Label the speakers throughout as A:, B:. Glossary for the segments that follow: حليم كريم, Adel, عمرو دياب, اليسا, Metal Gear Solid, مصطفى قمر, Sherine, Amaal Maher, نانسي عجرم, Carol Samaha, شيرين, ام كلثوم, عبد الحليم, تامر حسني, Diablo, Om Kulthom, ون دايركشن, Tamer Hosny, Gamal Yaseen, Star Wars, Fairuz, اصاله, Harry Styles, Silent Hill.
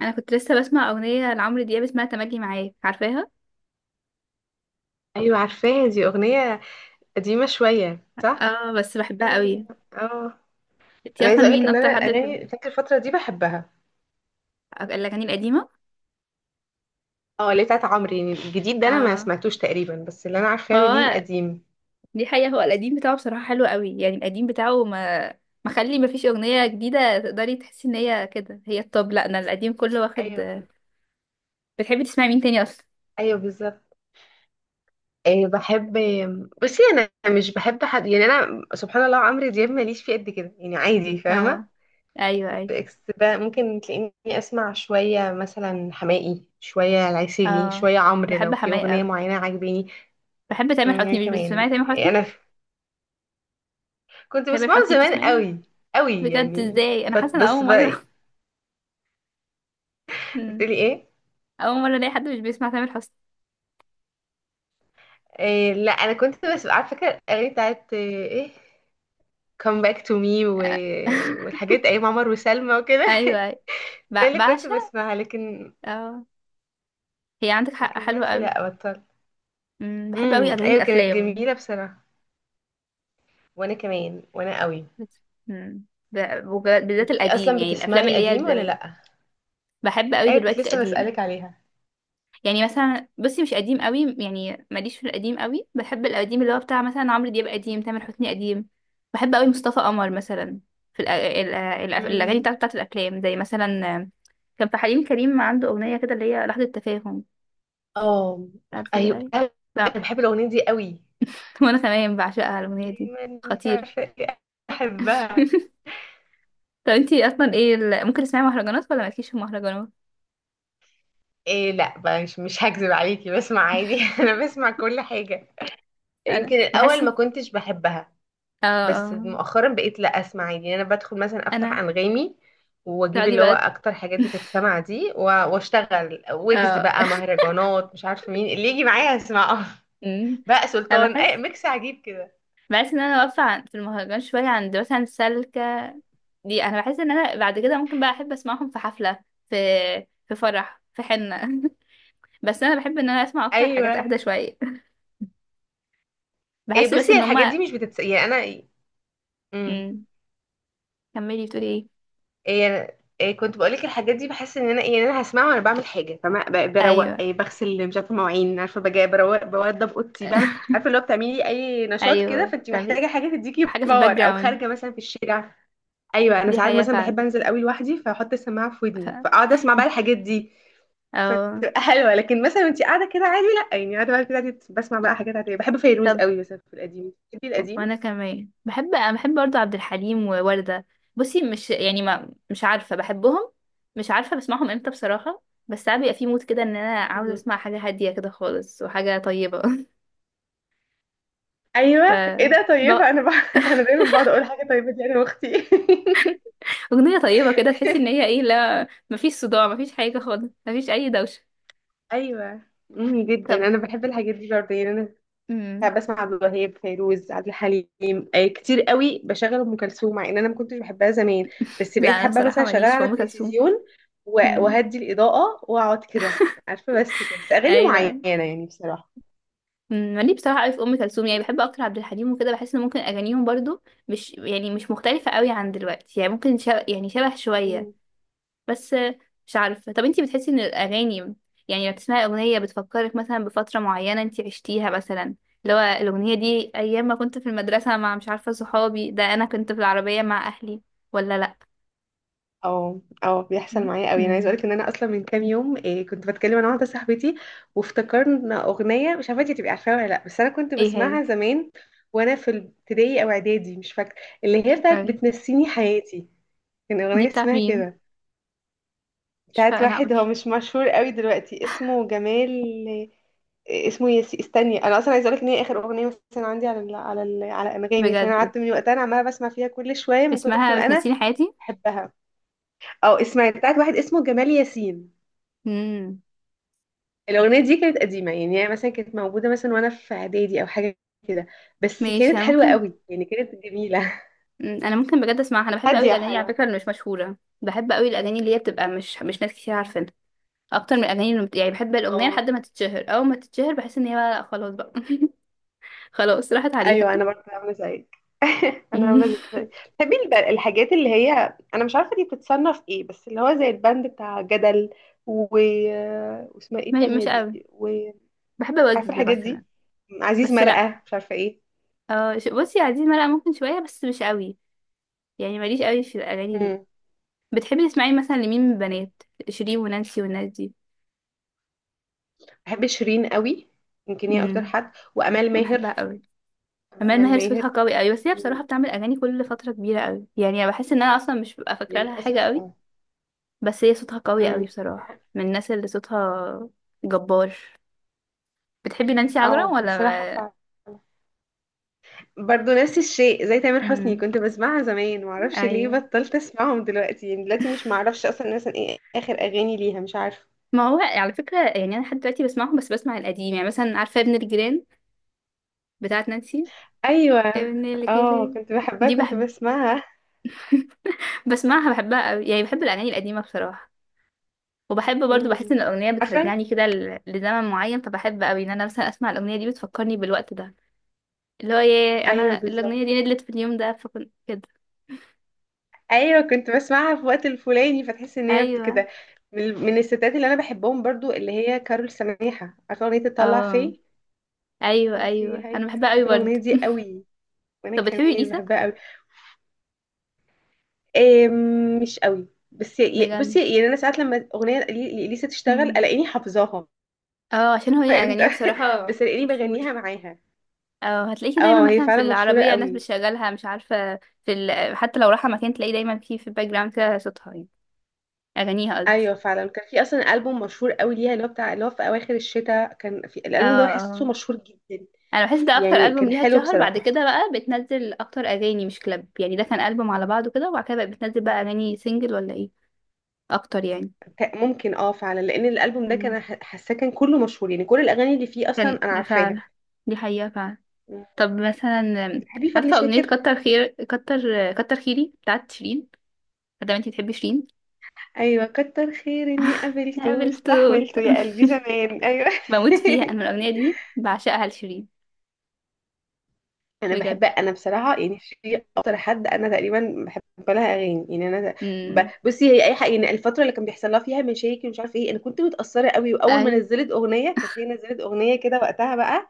A: انا كنت لسه بسمع اغنيه لعمرو دياب اسمها تملي معاك. عارفاها؟
B: ايوه، عارفاها. دي اغنيه قديمه شويه، صح.
A: اه، بس بحبها
B: مل-
A: قوي.
B: اه
A: انتي
B: انا
A: اصلا
B: عايزه اقولك
A: مين
B: ان
A: اكتر
B: انا
A: حد بتحب؟
B: الاغاني فاكر الفتره دي بحبها.
A: الاغاني القديمه.
B: اه، اللي بتاعت عمرو يعني الجديد ده انا ما
A: اه،
B: سمعتوش تقريبا، بس اللي انا
A: ما
B: عارفاه له ليه
A: هو
B: القديم.
A: دي حقيقه، هو القديم بتاعه بصراحه حلو قوي، يعني القديم بتاعه ما مخلي ما فيش اغنيه جديده تقدري تحسي ان هي كده هي الطب. لا، انا القديم كله واخد.
B: ايوه،
A: بتحبي تسمعي مين تاني اصلا؟
B: ايوه، بالظبط. إيه، بحب. بصي انا مش بحب حد يعني، انا سبحان الله، عمرو دياب
A: مم.
B: ماليش فيه قد كده يعني، عادي، فاهمه.
A: اه، ايوه ايوه.
B: بالعكس بقى ممكن تلاقيني اسمع شويه مثلا حماقي، شويه العسيلي،
A: اه،
B: شويه عمرو
A: بحب
B: لو في
A: حماية
B: اغنيه
A: قوي.
B: معينه عاجباني.
A: بحب تامر حسني، مش
B: كمان.
A: بتسمعي تامر حسني؟
B: انا كنت
A: تامر
B: بسمعه
A: حسني
B: زمان
A: بتسمعيه؟
B: قوي. قوي
A: بجد؟
B: يعني،
A: ازاي، انا
B: بس
A: حاسه ان
B: بس
A: اول
B: بقى
A: مره.
B: إيه؟
A: مم.
B: بتقولي ايه؟
A: اول مره الاقي حد مش بيسمع تامر حسني.
B: إيه، لا انا كنت بس على فكره الاغاني بتاعت ايه come back to me
A: آه.
B: والحاجات ايام عمر وسلمى وكده
A: ايوه ايوه،
B: ده اللي كنت
A: بعشق.
B: بسمعها، لكن
A: اه، هي عندك حق
B: لكن
A: حلوه
B: دلوقتي
A: قوي.
B: لا، بطلت.
A: بحب قوي
B: امم،
A: اغاني
B: ايوه كانت
A: الافلام.
B: جميله بصراحه. وانا كمان وانا قوي.
A: بت- أمم، بالذات
B: انت
A: القديم،
B: اصلا
A: يعني الافلام
B: بتسمعي
A: اللي هي
B: قديم ولا
A: زمان.
B: لا؟
A: بحب قوي
B: ايوه، كنت
A: دلوقتي
B: لسه
A: القديم،
B: بسالك عليها.
A: يعني مثلا بصي، مش قديم قوي، يعني ماليش في القديم قوي، بحب القديم اللي هو بتاع مثلا عمرو دياب قديم، تامر حسني قديم. بحب قوي مصطفى قمر مثلا، في الاغاني
B: امم.
A: بتاعت الافلام، زي مثلا كان في حليم كريم، عنده اغنيه كده اللي هي لحظه تفاهم.
B: اه
A: قبل
B: ايوه،
A: أي.
B: أيوة،
A: لا.
B: انا بحب الاغنيه دي قوي.
A: وأنا كمان بعشقها الأغنية
B: قبل
A: دي،
B: ما انت
A: خطيرة.
B: عارفه ايه. احبها.
A: طب انتي أصلا ايه ممكن تسمعي مهرجانات ولا مالكيش في المهرجانات؟
B: إيه لا بقى مش هكذب عليكي، بسمع عادي انا بسمع كل حاجه.
A: أنا
B: يمكن
A: بحس
B: الاول ما كنتش بحبها،
A: اه،
B: بس مؤخرا بقيت لا اسمع عادي يعني. انا بدخل مثلا افتح
A: أنا
B: انغامي واجيب
A: تقعدي
B: اللي هو
A: بقى.
B: اكتر حاجات بتتسمع دي واشتغل، ويجز
A: اه.
B: بقى مهرجانات، مش عارفه مين اللي يجي معايا اسمعه
A: أمم.
B: بقى
A: أنا
B: سلطان اي
A: بحس،
B: ميكس عجيب كده.
A: بحس إن أنا واقفة في المهرجان شوية، عند مثلا سلكة. دي أنا بحس إن أنا بعد كده ممكن بقى أحب أسمعهم في حفلة، في في فرح في حنة. بس أنا بحب إن أنا أسمع أكتر حاجات
B: ايوه.
A: أهدى شوية.
B: إيه،
A: بحس بس
B: بصي
A: إن
B: الحاجات
A: هما.
B: دي مش بتتس يعني انا مم.
A: أمم. كملي بتقولي ايه؟
B: إيه كنت بقولك الحاجات دي بحس ان انا ايه، يعني انا هسمعها وانا بعمل حاجه، فما بروق،
A: أيوه.
B: إيه، بغسل مش عارفه مواعين، عارفه بجي بروق، بوضب اوضتي، بعمل، عارفه اللي هو بتعملي اي نشاط كده
A: ايوه
B: فانت
A: تعبير،
B: محتاجه حاجه تديكي
A: حاجه في الباك
B: باور، او
A: جراوند.
B: خارجه مثلا في الشارع. ايوه، انا
A: دي
B: ساعات
A: حقيقه
B: مثلا
A: فعلا.
B: بحب انزل قوي لوحدي فاحط السماعه في
A: ف...
B: ودني فاقعد اسمع بقى الحاجات دي
A: أو...
B: فتبقى حلوه. لكن مثلا وانت قاعده كده عادي لا، يعني قاعده بقى كده عادي بسمع بقى حاجات عاديه. بحب فيروز
A: طب،
B: قوي مثلا في القديم. بتحبي القديم.
A: وانا كمان بحب، انا بحب برضو عبد الحليم ووردة. بصي مش يعني ما مش عارفه بحبهم، مش عارفه بسمعهم امتى بصراحه، بس ساعات بيبقى في مود كده ان انا عاوزه
B: مم.
A: اسمع حاجه هاديه كده خالص وحاجه طيبه. ف
B: ايوه. ايه ده
A: ب...
B: طيبه، انا انا دايما بقعد اقول حاجه طيبه دي انا واختي
A: اغنيه طيبه كده، تحسي ان هي ايه، لا مفيش صداع، مفيش حاجه خالص، مفيش اي دوشه.
B: ايوه. جدا
A: طب.
B: انا بحب الحاجات دي برضه يعني انا
A: مم.
B: ساعات بسمع عبد الوهاب، فيروز، عبد الحليم، كتير قوي بشغل ام كلثوم مع ان انا ما كنتش بحبها زمان، بس
A: لا،
B: بقيت
A: انا
B: حابه مثلا
A: صراحه
B: اشغلها
A: ماليش في
B: على
A: ام كلثوم.
B: التلفزيون
A: مم.
B: وهدي الاضاءه واقعد كده. عارفه، بس كده، بس اغاني
A: ايوه، أيوه.
B: معينه يعني بصراحه.
A: مالي بصراحه قوي في ام كلثوم، يعني بحب اكتر عبد الحليم وكده، بحس ان ممكن اغانيهم برضو مش يعني مش مختلفه قوي عن دلوقتي، يعني ممكن شبه، يعني شبه شويه. بس مش عارفه، طب انتي بتحسي ان الاغاني، يعني لما تسمعي اغنيه بتفكرك مثلا بفتره معينه انتي عشتيها مثلا، اللي هو الاغنيه دي ايام ما كنت في المدرسه مع مش عارفه صحابي ده، انا كنت في العربيه مع اهلي، ولا لا؟
B: اه، اه، بيحصل معايا قوي. انا عايزه
A: امم
B: اقولك ان انا اصلا من كام يوم إيه كنت بتكلم انا واحده صاحبتي وافتكرنا اغنيه، مش عارفه انتي تبقي عارفاها ولا لا، بس انا كنت
A: ايه هي؟
B: بسمعها زمان وانا في ابتدائي او اعدادي مش فاكره، اللي هي بتاعت
A: أي.
B: بتنسيني حياتي. كان
A: دي
B: اغنيه
A: بتاعت
B: اسمها
A: مين؟
B: كده
A: مش
B: بتاعت
A: فاكره، لا،
B: واحد هو
A: مش
B: مش مشهور قوي دلوقتي اسمه جمال. إيه اسمه ياسي، استني. انا اصلا عايزه اقولك ان هي اخر اغنيه مثلا عندي على ال على ال على انغامي، عشان انا
A: بجد؟
B: قعدت من وقتها انا عماله بسمع فيها كل شويه من كتر
A: اسمها
B: ما انا
A: بتنسيني حياتي.
B: بحبها. او اسمعي بتاعت واحد اسمه جمال ياسين.
A: امم
B: الأغنية دي كانت قديمة، يعني هي مثلا كانت موجودة مثلا وأنا في إعدادي أو حاجة كده، بس
A: ماشي،
B: كانت
A: أنا
B: حلوة
A: ممكن.
B: قوي، يعني كانت جميلة.
A: انا ممكن بجد اسمعها، انا بحب قوي
B: هادية
A: الاغاني على
B: حلوة.
A: فكره اللي مش مشهوره، بحب قوي الاغاني اللي هي بتبقى مش ناس كتير عارفينها، اكتر من الاغاني اللي يعني بحب الاغنيه
B: اه
A: لحد ما تتشهر، اول ما تتشهر بحس ان هي بقى لا خلاص بقى. خلاص راحت عليها.
B: أيوه، أنا برضه عاملة زيك. انا عامله
A: مم،
B: ازاي؟ بتحبي الحاجات اللي هي انا مش عارفه دي بتتصنف ايه، بس اللي هو زي البند بتاع جدل و... واسمها ايه التانية
A: مش
B: دي؟
A: قوي.
B: وعارفه
A: بحب وجز
B: الحاجات
A: مثلا.
B: دي، عزيز
A: بس لا،
B: مرقه مش عارفه ايه.
A: اه، بصي، يا عزيز مرقه ممكن شويه بس مش قوي، يعني ماليش قوي في الاغاني دي.
B: مم.
A: بتحبي تسمعي مثلا لمين من البنات؟ شيرين ونانسي والناس دي.
B: بحب شيرين قوي. يمكن هي اكتر
A: امم
B: حد، وامال ماهر.
A: بحبها قوي.
B: بحب
A: أمال
B: امال
A: ماهر صوتها
B: ماهر.
A: قوي قوي، بس هي بصراحة بتعمل أغاني كل فترة كبيرة قوي، يعني أنا بحس إن أنا أصلا مش ببقى فاكرة لها حاجة
B: وللاسف
A: قوي،
B: اه.
A: بس هي صوتها قوي
B: امم،
A: قوي بصراحة، من الناس اللي صوتها جبار. بتحبي نانسي عجرم
B: اه،
A: ولا
B: بصراحة
A: ما...
B: فعلا برضو نفس الشيء زي تامر حسني،
A: مم.
B: كنت بسمعها زمان، معرفش ليه
A: أيوه.
B: بطلت اسمعهم دلوقتي يعني. دلوقتي مش معرفش اصلا مثلا ايه اخر اغاني ليها، مش عارفه.
A: ما هو على فكرة، يعني أنا لحد دلوقتي بسمعهم، بس بسمع القديم، يعني مثلا عارفة ابن الجيران، بتاعت نانسي.
B: ايوه.
A: ابن
B: اه،
A: الجيران
B: كنت بحبها،
A: دي
B: كنت
A: بحب،
B: بسمعها.
A: بسمعها بحبها قوي، يعني بحب الأغاني القديمة بصراحة. وبحب برضو، بحس
B: امم.
A: ان الاغنيه
B: عارفه.
A: بترجعني كده لزمن معين، فبحب قوي ان انا مثلا اسمع الاغنيه دي بتفكرني بالوقت ده، اللي هو ايه
B: ايوه،
A: انا الاغنيه
B: بالظبط.
A: دي ندلت في اليوم ده، فكنت كده.
B: ايوه كنت بسمعها في وقت الفلاني فتحس ان هي
A: ايوه.
B: كده. من الستات اللي انا بحبهم برضو اللي هي كارول سماحه. عارفه اغنيه تطلع
A: اه.
B: فيه.
A: ايوه
B: تطلع فيه
A: ايوه،
B: هيك،
A: انا
B: انا
A: بحبها قوي
B: بحب الاغنيه
A: برضه.
B: دي قوي. وانا
A: طب بتحبي
B: كمان
A: اليسا؟
B: بحبها قوي. آم، مش قوي، بس
A: بجد؟
B: بصي، يعني انا ساعات لما اغنيه لإليسا تشتغل
A: مم.
B: الاقيني حافظاها،
A: اه، عشان هو
B: فاهمت
A: اغانيها بصراحه
B: بس الاقيني
A: مشهور.
B: بغنيها معاها.
A: اه، هتلاقيه
B: اه
A: دايما
B: هي
A: مثلا في
B: فعلا مشهوره
A: العربيه الناس
B: قوي.
A: بتشغلها مش عارفه، في حتى لو رايحه مكان تلاقيه دايما في الباك جراوند كده، صوتها يعني، اغانيها قصدي.
B: ايوه فعلا. كان في اصلا البوم مشهور قوي ليها اللي هو بتاع اللي هو في اواخر الشتاء، كان في
A: اه
B: الالبوم ده بحسه
A: اه،
B: مشهور جدا،
A: انا بحس ده اكتر
B: يعني
A: البوم
B: كان
A: ليها
B: حلو
A: اتشهر، بعد
B: بصراحه.
A: كده بقى بتنزل اكتر اغاني مش كلاب، يعني ده كان البوم على بعضه كده، وبعد كده بقى بتنزل بقى اغاني سنجل ولا ايه. اكتر.
B: ممكن اه فعلا، لان الالبوم ده
A: يعني
B: كان حاساه كان كله مشهور، يعني كل الاغاني اللي فيه اصلا
A: كان،
B: انا عارفاها.
A: فعلا، دي حقيقة فعلا.
B: مم.
A: طب مثلا، آم،
B: بتحبي فضل
A: عارفة أغنية
B: شاكر؟
A: كتر خيري بتاعت شيرين، مادام انتي بتحبي شيرين.
B: ايوه كتر خير اني قابلته،
A: نقابل توت.
B: استحملته يا قلبي زمان، ايوه
A: بموت فيها أنا، من الأغنية دي بعشقها لشيرين.
B: انا
A: بجد.
B: بحب. انا بصراحه يعني في اكتر حد انا تقريبا بحب لها اغاني يعني انا
A: امم
B: بصي هي اي حاجه. يعني الفتره اللي كان بيحصل لها فيها مشاكل ومش عارف ايه انا كنت متاثره قوي، واول ما
A: أيوة،
B: نزلت اغنيه كانت هي، نزلت اغنيه كده وقتها بقى،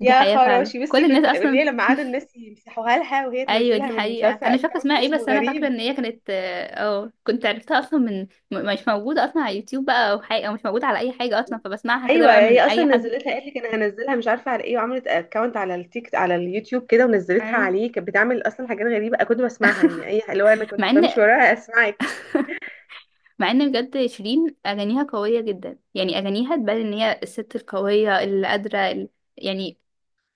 A: دي
B: يا
A: حقيقة فعلا
B: خراشي.
A: كل
B: بصي كنت
A: الناس
B: اللي هي
A: أصلا.
B: لما قعدوا الناس يمسحوها لها وهي
A: أيوة دي
B: تنزلها من مش
A: حقيقة،
B: عارفه
A: أنا مش فاكرة
B: اكونت
A: اسمها ايه،
B: اسمه
A: بس أنا فاكرة
B: غريب.
A: إن هي كانت اه، كنت عرفتها أصلا من، مش موجودة أصلا على يوتيوب بقى أو حاجة، أو مش موجودة على أي حاجة أصلا، فبسمعها كده
B: ايوه
A: بقى
B: هي
A: من
B: اصلا
A: أي حد.
B: نزلتها، قالت لك انا هنزلها مش عارفه على ايه، وعملت اكونت على التيك على اليوتيوب كده ونزلتها
A: أيوة.
B: عليه. كانت بتعمل اصلا حاجات غريبه كنت بسمعها، يعني اي اللي هو انا
A: مع
B: كنت بمشي
A: ان
B: وراها اسمعك.
A: مع ان بجد، شيرين اغانيها قويه جدا، يعني اغانيها تبان ان هي الست القويه اللي قادره يعني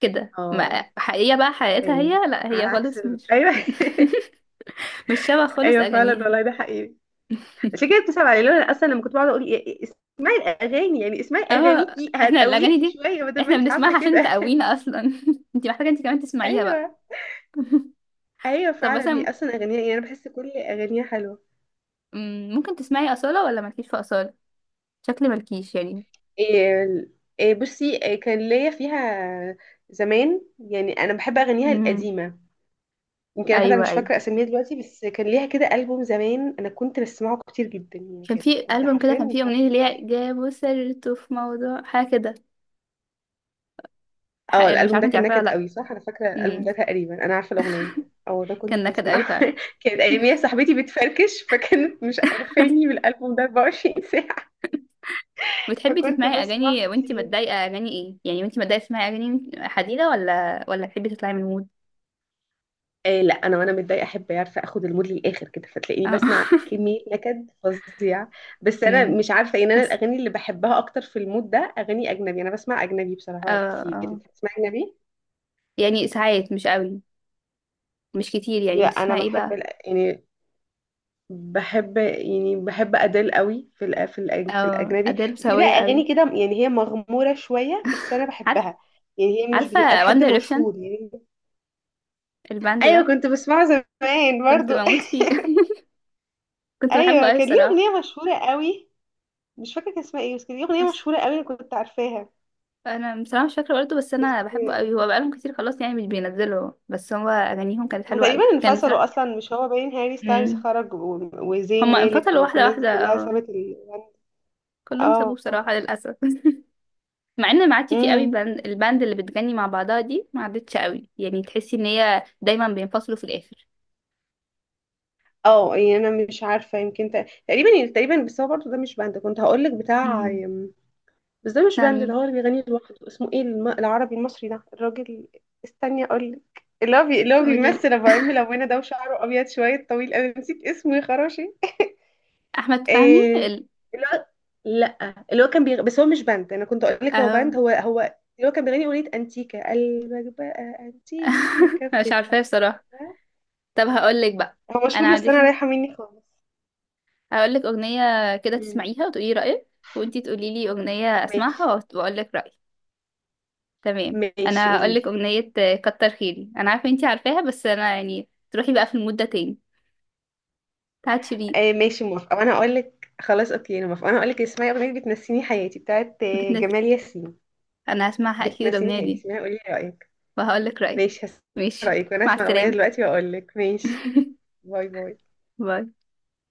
A: كده، ما
B: اه
A: حقيقيه، بقى حقيقتها
B: ايوه،
A: هي لا،
B: على
A: هي
B: عكس
A: خالص مش
B: ايوه
A: مش شبه خالص
B: ايوه فعلا
A: اغانيها.
B: والله، ده حقيقي. عشان كده بتصعب علي لو انا اصلا لما كنت بقعد اقول إيه، اسمعي الاغاني يعني، اسمعي
A: اه.
B: اغانيكي
A: احنا الاغاني
B: هتقويكي
A: دي،
B: شويه بدل ما
A: احنا
B: انت عامله
A: بنسمعها عشان
B: كده
A: تقوينا اصلا. انت محتاجه، انت كمان تسمعيها بقى.
B: ايوه، ايوه
A: طب
B: فعلا.
A: مثلا،
B: هي اصلا اغانيها يعني انا بحس كل اغانيها حلوه.
A: ممكن تسمعي اصاله ولا مالكيش في اصاله؟ شكلي مالكيش يعني.
B: إيه إيه بصي، إيه كان ليا فيها زمان يعني. انا بحب اغانيها
A: امم
B: القديمه، يمكن انا حتى
A: ايوه
B: مش
A: ايوه،
B: فاكره اسميها دلوقتي، بس كان ليها كده البوم زمان انا كنت بسمعه كتير جدا، يعني
A: كان
B: كانت،
A: في
B: كنت
A: البوم كده
B: حرفيا
A: كان فيه
B: مش
A: اغنيه اللي
B: عارفة.
A: هي جابوا سيرته في موضوع حاجه كده.
B: اه،
A: أنا مش
B: الالبوم
A: عارفه
B: ده
A: انت
B: كان
A: عارفاها
B: نكد
A: ولا
B: قوي، صح، انا فاكره الالبوم
A: لا.
B: ده تقريبا، انا عارفه الاغنيه. او ده
A: كان
B: كنت
A: نكد قوي
B: بسمعه
A: فعلا.
B: كانت اياميها صاحبتي بتفركش فكانت مش عارفاني بالالبوم ده 24 ساعه،
A: بتحبي
B: فكنت
A: تسمعي
B: بسمع
A: اغاني وانتي
B: كتير.
A: متضايقه؟ اغاني ايه يعني وانتي متضايقه؟ تسمعي اغاني حزينه ولا تحبي تطلعي من المود؟
B: آه، لا انا وانا متضايقه احب، عارفه اخد المود للاخر كده، فتلاقيني
A: اه.
B: بسمع كميه نكد فظيع. بس انا
A: أمم.
B: مش عارفه ان انا
A: بس،
B: الاغاني اللي بحبها اكتر في المود ده اغاني اجنبي. انا بسمع اجنبي
A: اه
B: بصراحه كتير.
A: اه،
B: انت بتسمع اجنبي؟
A: يعني ساعات مش قوي، مش كتير، يعني
B: لا، انا
A: بتسمعي ايه
B: بحب
A: بقى؟
B: يعني بحب يعني بحب ادل قوي في ال في ال في
A: اه،
B: الاجنبي،
A: اديل
B: وفي بقى
A: سوية قوي.
B: اغاني كده يعني هي مغموره شويه بس انا
A: عارف.
B: بحبها. يعني هي مش
A: عارفه
B: بتبقى
A: وان
B: لحد
A: دايركشن،
B: مشهور يعني.
A: الباند ده؟
B: ايوه كنت بسمعه زمان
A: كنت
B: برضو
A: بموت فيه. كنت بحبه
B: ايوه
A: قوي
B: كان ليه
A: بصراحه.
B: اغنيه مشهوره قوي، مش فاكرة كان اسمها ايه، بس كانت دي أغنية
A: بس
B: مشهورة قوي، أنا كنت عارفاها.
A: انا بصراحه مش فاكره برضه، بس
B: بس
A: انا بحبه قوي، هو بقالهم كتير خلاص يعني مش بينزلوا، بس هو اغانيهم كانت
B: هما
A: حلوه قوي،
B: تقريبا
A: كان
B: انفصلوا
A: بصراحه.
B: أصلا، مش هو باين هاري ستايلز
A: مم.
B: خرج وزين
A: هما
B: مالك
A: انفصلوا واحدة
B: والناس دي
A: واحدة،
B: كلها
A: اه،
B: سابت ال.
A: كلهم سابوه
B: اه.
A: بصراحة للأسف. مع ان ما عادش فيه قوي
B: امم.
A: الباند، اللي بتغني مع بعضها دي ما عادتش قوي، يعني تحسي ان هي دايما بينفصلوا في الآخر.
B: اه، يعني انا مش عارفة، يمكن تقريبا يعني تقريبا، بس هو برضه ده مش باند، كنت هقول لك بتاع.
A: امم
B: بس ده مش
A: بتاع
B: باند، ده
A: مين؟
B: هو اللي بيغني لوحده، اسمه ايه العربي المصري ده الراجل. استني اقول لك. اللي هو اللي هو
A: قولي لي.
B: بيمثل ابو عم لونه ده وشعره ابيض شوية طويل، انا نسيت اسمه يا خراشي.
A: أحمد فهمي
B: إيه الواد. لا اللي هو كان بس هو مش باند انا كنت اقول لك هو
A: اه.
B: باند. هو اللي هو كان بيغني اغنيه انتيكا قلبك بقى انتيكا في
A: مش
B: بيتها.
A: عارفاه بصراحة. طب هقول لك بقى،
B: هو
A: انا
B: مشهور بس انا
A: عندكي،
B: رايحه مني خالص.
A: هقول لك أغنية كده
B: مم.
A: تسمعيها وتقولي رأيك، وانتي تقولي لي أغنية
B: ماشي.
A: اسمعها واقول لك رأيي. تمام،
B: ماشي،
A: انا
B: قولي
A: هقول
B: لي.
A: لك أغنية: كتر خيري، انا عارفة انتي عارفاها، بس انا يعني تروحي بقى في المود ده تاني، بتاعت شيرين.
B: آه ماشي، موافقه. وانا اقول لك. خلاص اوكي انا موافقه، وانا اقول لك، اسمعي اغنيه بتنسيني حياتي بتاعت
A: بتنزل.
B: جمال ياسين.
A: انا هسمعها اكيد
B: بتنسيني
A: الاغنيه
B: حياتي،
A: دي،
B: اسمعي قولي لي رايك.
A: وهقول لك رايي.
B: ماشي، هسمع
A: ماشي.
B: رايك، وانا
A: مع
B: اسمع الاغنيه
A: السلامه.
B: دلوقتي واقول لك. ماشي. باي باي.
A: باي.